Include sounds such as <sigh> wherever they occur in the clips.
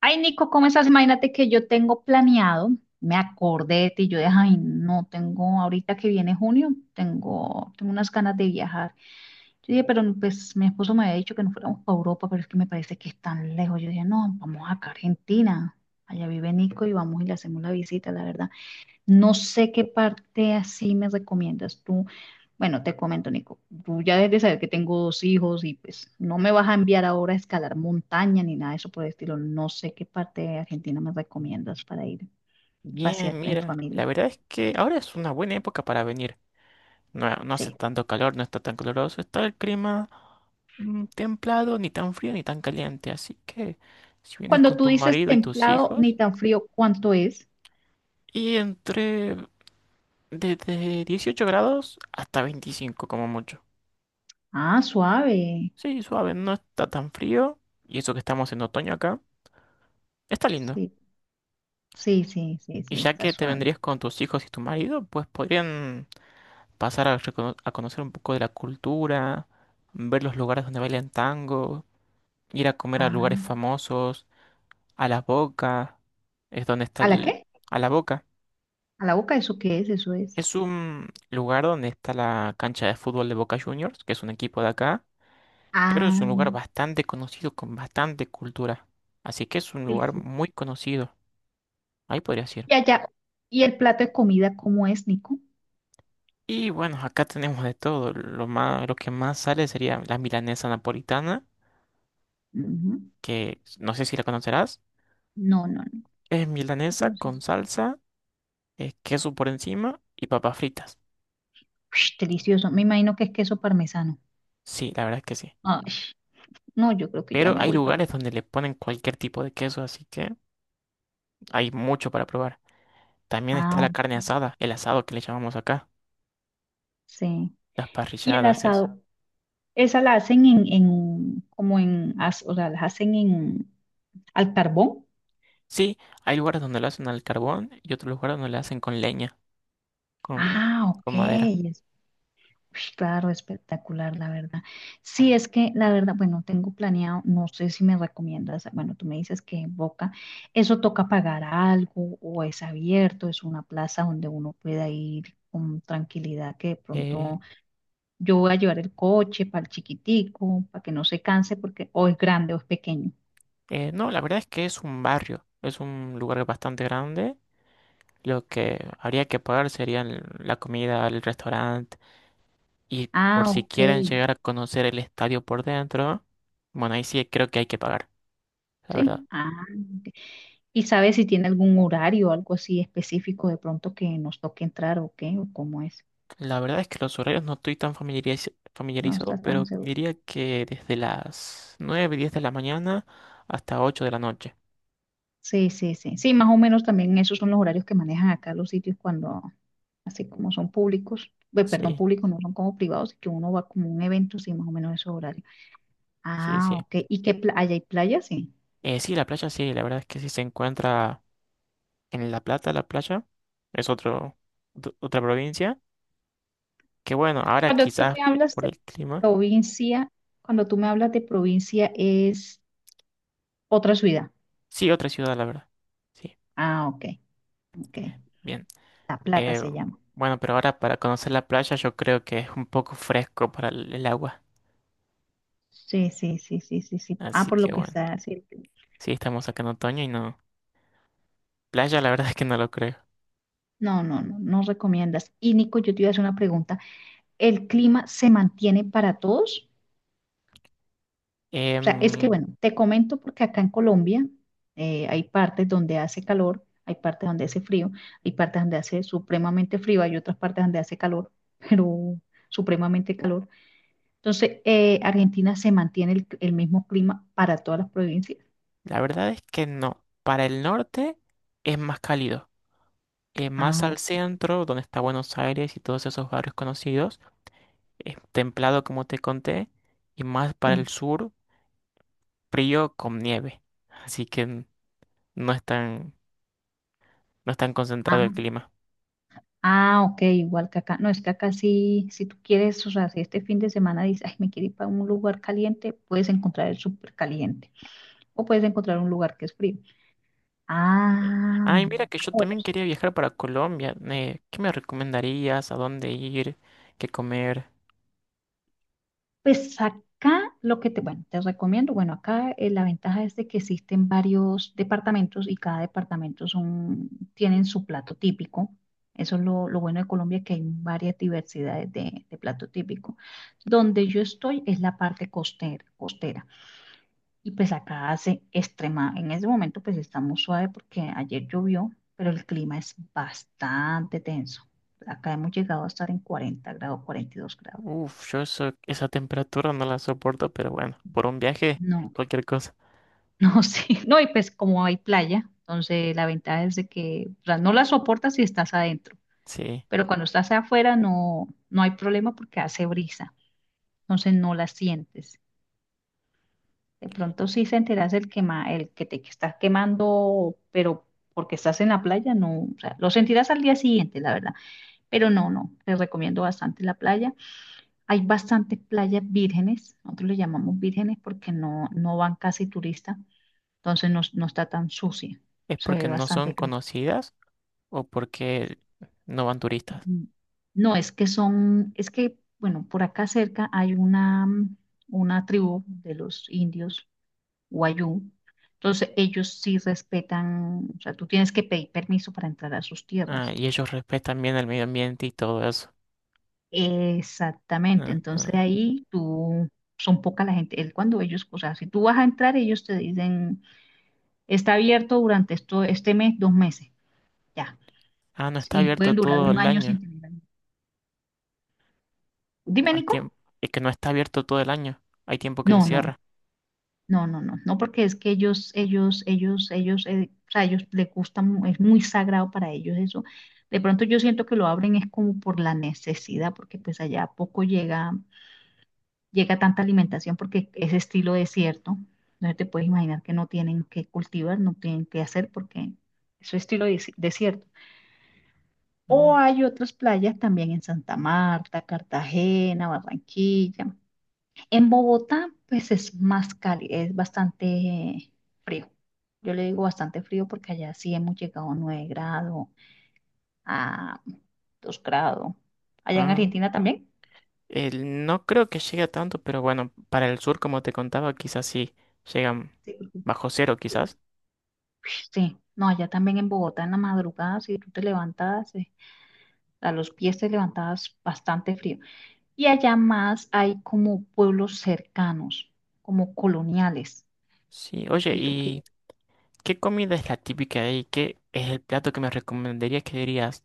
Ay, Nico, ¿cómo estás? Imagínate que yo tengo planeado, me acordé de ti, yo dije, ay, no, tengo, ahorita que viene junio, tengo unas ganas de viajar. Yo dije, pero pues mi esposo me había dicho que no fuéramos para Europa, pero es que me parece que es tan lejos. Yo dije, no, vamos acá a Argentina, allá vive Nico y vamos y le hacemos la visita, la verdad. No sé qué parte así me recomiendas tú. Bueno, te comento, Nico, tú ya debes de saber que tengo dos hijos y pues no me vas a enviar ahora a escalar montaña ni nada de eso por el estilo. No sé qué parte de Argentina me recomiendas para ir y pasear Bien, en mira, la familia. verdad es que ahora es una buena época para venir. No, no hace Sí. tanto calor, no está tan caluroso, está el clima templado, ni tan frío ni tan caliente. Así que si vienes Cuando con tú tu dices marido y tus templado ni hijos, tan frío, ¿cuánto es? y entre desde 18 grados hasta 25 como mucho. Ah, suave. Sí, suave, no está tan frío, y eso que estamos en otoño acá, está lindo. Sí, sí, sí, sí, Y sí, ya está que te suave. vendrías con tus hijos y tu marido, pues podrían pasar a, a conocer un poco de la cultura, ver los lugares donde bailan tango, ir a comer a lugares Ah. famosos, a La Boca, es donde está ¿A la el... qué? A La Boca. ¿A la boca? ¿Eso qué es? Eso es. Es un lugar donde está la cancha de fútbol de Boca Juniors, que es un equipo de acá, pero Ah, es un lugar bastante conocido con bastante cultura. Así que es un sí. lugar Sí. muy conocido. Ahí podrías ir. Y allá, y el plato de comida, ¿cómo es, Nico? Y bueno, acá tenemos de todo. Lo más, lo que más sale sería la milanesa napolitana, Ujú. que no sé si la conocerás. No, no, no. Es milanesa Pero sí con es- salsa, queso por encima y papas fritas. Ush, delicioso. Me imagino que es queso parmesano. Sí, la verdad es que sí. Ay, no, yo creo que ya Pero me hay voy para. lugares donde le ponen cualquier tipo de queso, así que hay mucho para probar. También está Ah, la carne asada, el asado que le llamamos acá, sí. las Y el parrilladas, eso. asado, esa la hacen en como o sea, la hacen en al carbón. Sí, hay lugares donde lo hacen al carbón y otros lugares donde lo hacen con leña, con, Ah, ok. con madera. Ush, claro, espectacular, la verdad. Sí, es que la verdad, bueno, tengo planeado, no sé si me recomiendas, bueno, tú me dices que en Boca, eso toca pagar algo o es abierto, es una plaza donde uno pueda ir con tranquilidad, que de Eh, pronto yo voy a llevar el coche para el chiquitico, para que no se canse, porque o es grande o es pequeño. No, la verdad es que es un barrio, es un lugar bastante grande. Lo que habría que pagar sería la comida, el restaurante. Y por Ah, si ok, quieren llegar a conocer el estadio por dentro, bueno, ahí sí creo que hay que pagar, la verdad. sí. Ah, ok. ¿Y sabes si tiene algún horario o algo así específico de pronto que nos toque entrar o qué, o cómo es? La verdad es que los horarios no estoy tan No familiarizado, está tan pero seguro. diría que desde las 9 10 de la mañana hasta 8 de la noche. Sí, sí, sí. Sí, más o menos también esos son los horarios que manejan acá los sitios cuando, así como son públicos, ve, perdón, Sí, públicos no son como privados, y que uno va como a un evento, sí, más o menos esos horarios. sí, Ah, sí. ok. ¿Y qué playa? ¿Hay playa? Sí. Sí, la playa sí, la verdad es que sí se encuentra en La Plata, la playa. Es otro, otra provincia. Que bueno, ahora Cuando tú quizás me hablas por de el clima. provincia, cuando tú me hablas de provincia es otra ciudad. Sí, otra ciudad, la verdad. Sí, Ah, ok, ok. bien. La Plata Eh, se llama. bueno, pero ahora para conocer la playa yo creo que es un poco fresco para el agua. Sí, sí, sí, sí, sí, sí. Ah, Así por que lo que bueno, está, sí. sí, estamos acá en otoño y no. Playa la verdad es que no lo creo. No, no, no, no recomiendas. Y Nico, yo te iba a hacer una pregunta. El clima se mantiene para todos. O sea, es Em, que bueno, te comento porque acá en Colombia hay partes donde hace calor, hay partes donde hace frío, hay partes donde hace supremamente frío, hay otras partes donde hace calor, <laughs> pero supremamente calor. Entonces, Argentina se mantiene el mismo clima para todas las provincias. la verdad es que no. Para el norte es más cálido. Más Ah, al centro, donde está Buenos Aires y todos esos barrios conocidos, es templado como te conté. Y más para ok. el sur, frío con nieve. Así que no es tan, no es tan concentrado el Ah, clima. ah, ok, igual que acá. No, es que acá sí, si tú quieres, o sea, si este fin de semana dices, ay, me quiero ir para un lugar caliente, puedes encontrar el súper caliente. O puedes encontrar un lugar que es frío. Ah, Ay, mira que yo bueno, también quería viajar para Colombia. Eh, ¿qué me recomendarías? ¿A dónde ir? ¿Qué comer? pues acá lo que te, bueno, te recomiendo, bueno, acá la ventaja es de que existen varios departamentos y cada departamento son, tienen su plato típico. Eso es lo bueno de Colombia, que hay varias diversidades de plato típico. Donde yo estoy es la parte costera, costera. Y pues acá hace extrema, en ese momento pues está muy suave porque ayer llovió, pero el clima es bastante tenso. Acá hemos llegado a estar en 40 grados, 42 grados. Uf, yo eso, esa temperatura no la soporto, pero bueno, por un viaje, No, cualquier cosa. no, <laughs> sí, no, y pues como hay playa, entonces la ventaja es de que, o sea, no la soportas si estás adentro, Sí. pero cuando estás afuera no, no hay problema porque hace brisa, entonces no la sientes. De pronto sí se enteras el quema, el que te que estás quemando, pero porque estás en la playa, no, o sea, lo sentirás al día siguiente, la verdad. Pero no, no, les recomiendo bastante la playa. Hay bastantes playas vírgenes, nosotros le llamamos vírgenes porque no, no van casi turistas, entonces no, no está tan sucia, ¿Es se porque ve no bastante son cristal. conocidas o porque no van turistas? No, es que son, es que, bueno, por acá cerca hay una, una tribu de los indios Wayuu. Entonces, ellos sí respetan, o sea, tú tienes que pedir permiso para entrar a sus Ah, tierras. y ellos respetan bien el medio ambiente y todo eso. Exactamente, Ah, entonces ah. ahí tú, son poca la gente, él cuando ellos, o sea, si tú vas a entrar, ellos te dicen, está abierto durante esto, este mes, 2 meses, ya, Ah, no está y abierto pueden durar todo un el año año. sin tener. Dime, Hay Nico. tiempo. Es que no está abierto todo el año. Hay tiempo que se No, no. cierra. No, no, no, no, porque es que ellos, o sea, ellos les gusta, mu- es muy sagrado para ellos eso. De pronto yo siento que lo abren es como por la necesidad, porque pues allá poco llega, llega tanta alimentación porque es estilo desierto. Entonces te puedes imaginar que no tienen que cultivar, no tienen que hacer porque eso es estilo desierto. Ah, O hay otras playas también en Santa Marta, Cartagena, Barranquilla. En Bogotá, pues es más cálido, es bastante frío. Yo le digo bastante frío porque allá sí hemos llegado a 9 grados, a 2 grados. Allá en ah. Argentina también. El- no creo que llegue a tanto, pero bueno, para el sur, como te contaba, quizás sí llegan Sí, porque- bajo cero, quizás. Sí, no, allá también en Bogotá en la madrugada, si tú te levantas a los pies te levantabas bastante frío. Y allá más hay como pueblos cercanos, como coloniales. Sí, oye, Si tú qui- ¿y qué comida es la típica de ahí? ¿Qué es el plato que me recomendarías que dirías,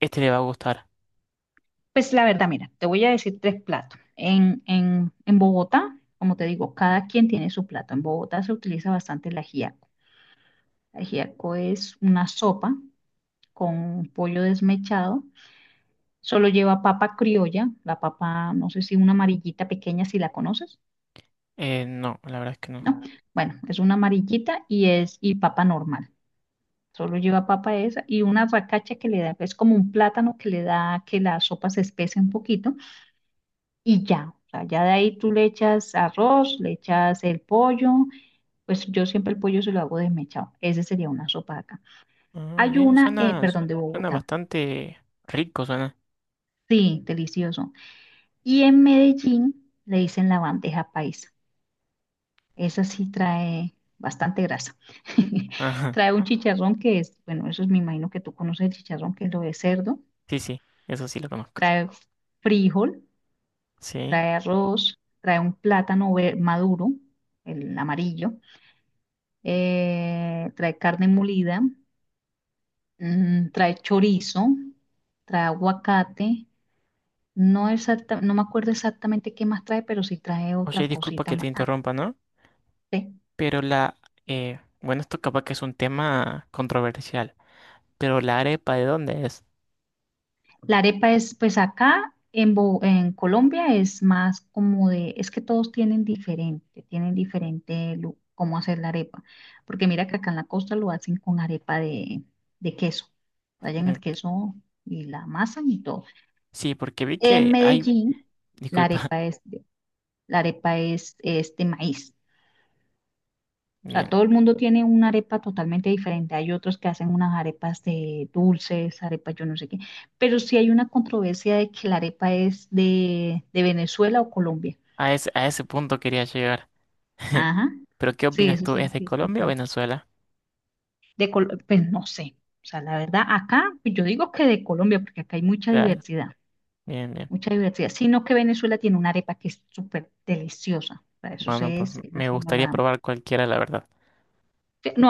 este le va a gustar? Pues la verdad, mira, te voy a decir tres platos. En Bogotá, como te digo, cada quien tiene su plato. En Bogotá se utiliza bastante el ajiaco. El ajiaco es una sopa con pollo desmechado. Solo lleva papa criolla, la papa, no sé si una amarillita pequeña, si la conoces, No, la verdad es que no. ¿no? Bueno, es una amarillita y es y papa normal. Solo lleva papa esa y una racacha que le da, es como un plátano que le da que la sopa se espese un poquito y ya. O sea, ya de ahí tú le echas arroz, le echas el pollo, pues yo siempre el pollo se lo hago desmechado. Ese sería una sopa de acá. Ah, Hay bien, una, suena, perdón, de suena Bogotá. bastante rico, suena. <laughs> Sí, delicioso. Y en Medellín le dicen la bandeja paisa. Esa sí trae bastante grasa. <laughs> Ajá, Trae un chicharrón que es, bueno, eso es, me imagino que tú conoces el chicharrón, que es lo de cerdo. sí, sí, eso sí lo conozco. Trae frijol, Sí. trae arroz, trae un plátano maduro, el amarillo trae carne molida, trae chorizo, trae aguacate. No, no me acuerdo exactamente qué más trae, pero sí trae Oye, otra disculpa cosita que te más. Ah, interrumpa, ¿no? sí. Pero la, bueno, esto capaz que es un tema controversial, pero la arepa, ¿de dónde es? La arepa es, pues acá en, en Colombia es más como de, es que todos tienen diferente cómo hacer la arepa. Porque mira que acá en la costa lo hacen con arepa de queso. Rayan el Mm. queso y la masa y todo. Sí, porque vi En que hay, Medellín, la disculpa, arepa <laughs> es la arepa es de maíz. O sea, bien, todo el mundo tiene una arepa totalmente diferente. Hay otros que hacen unas arepas de dulces, arepas yo no sé qué. Pero sí hay una controversia de que la arepa es de Venezuela o Colombia. A ese punto quería llegar. <laughs> Ajá. Pero ¿qué Sí, opinas eso tú? sí, ¿Es de sí he Colombia o escuchado. Venezuela? De Col- pues no sé. O sea, la verdad, acá pues, yo digo que de Colombia, porque acá hay mucha Claro, diversidad, bien, bien. mucha diversidad. Sino que Venezuela tiene una arepa que es súper deliciosa. Para eso sí Bueno, pues es, eso me sí no gustaría la... probar cualquiera, la verdad. No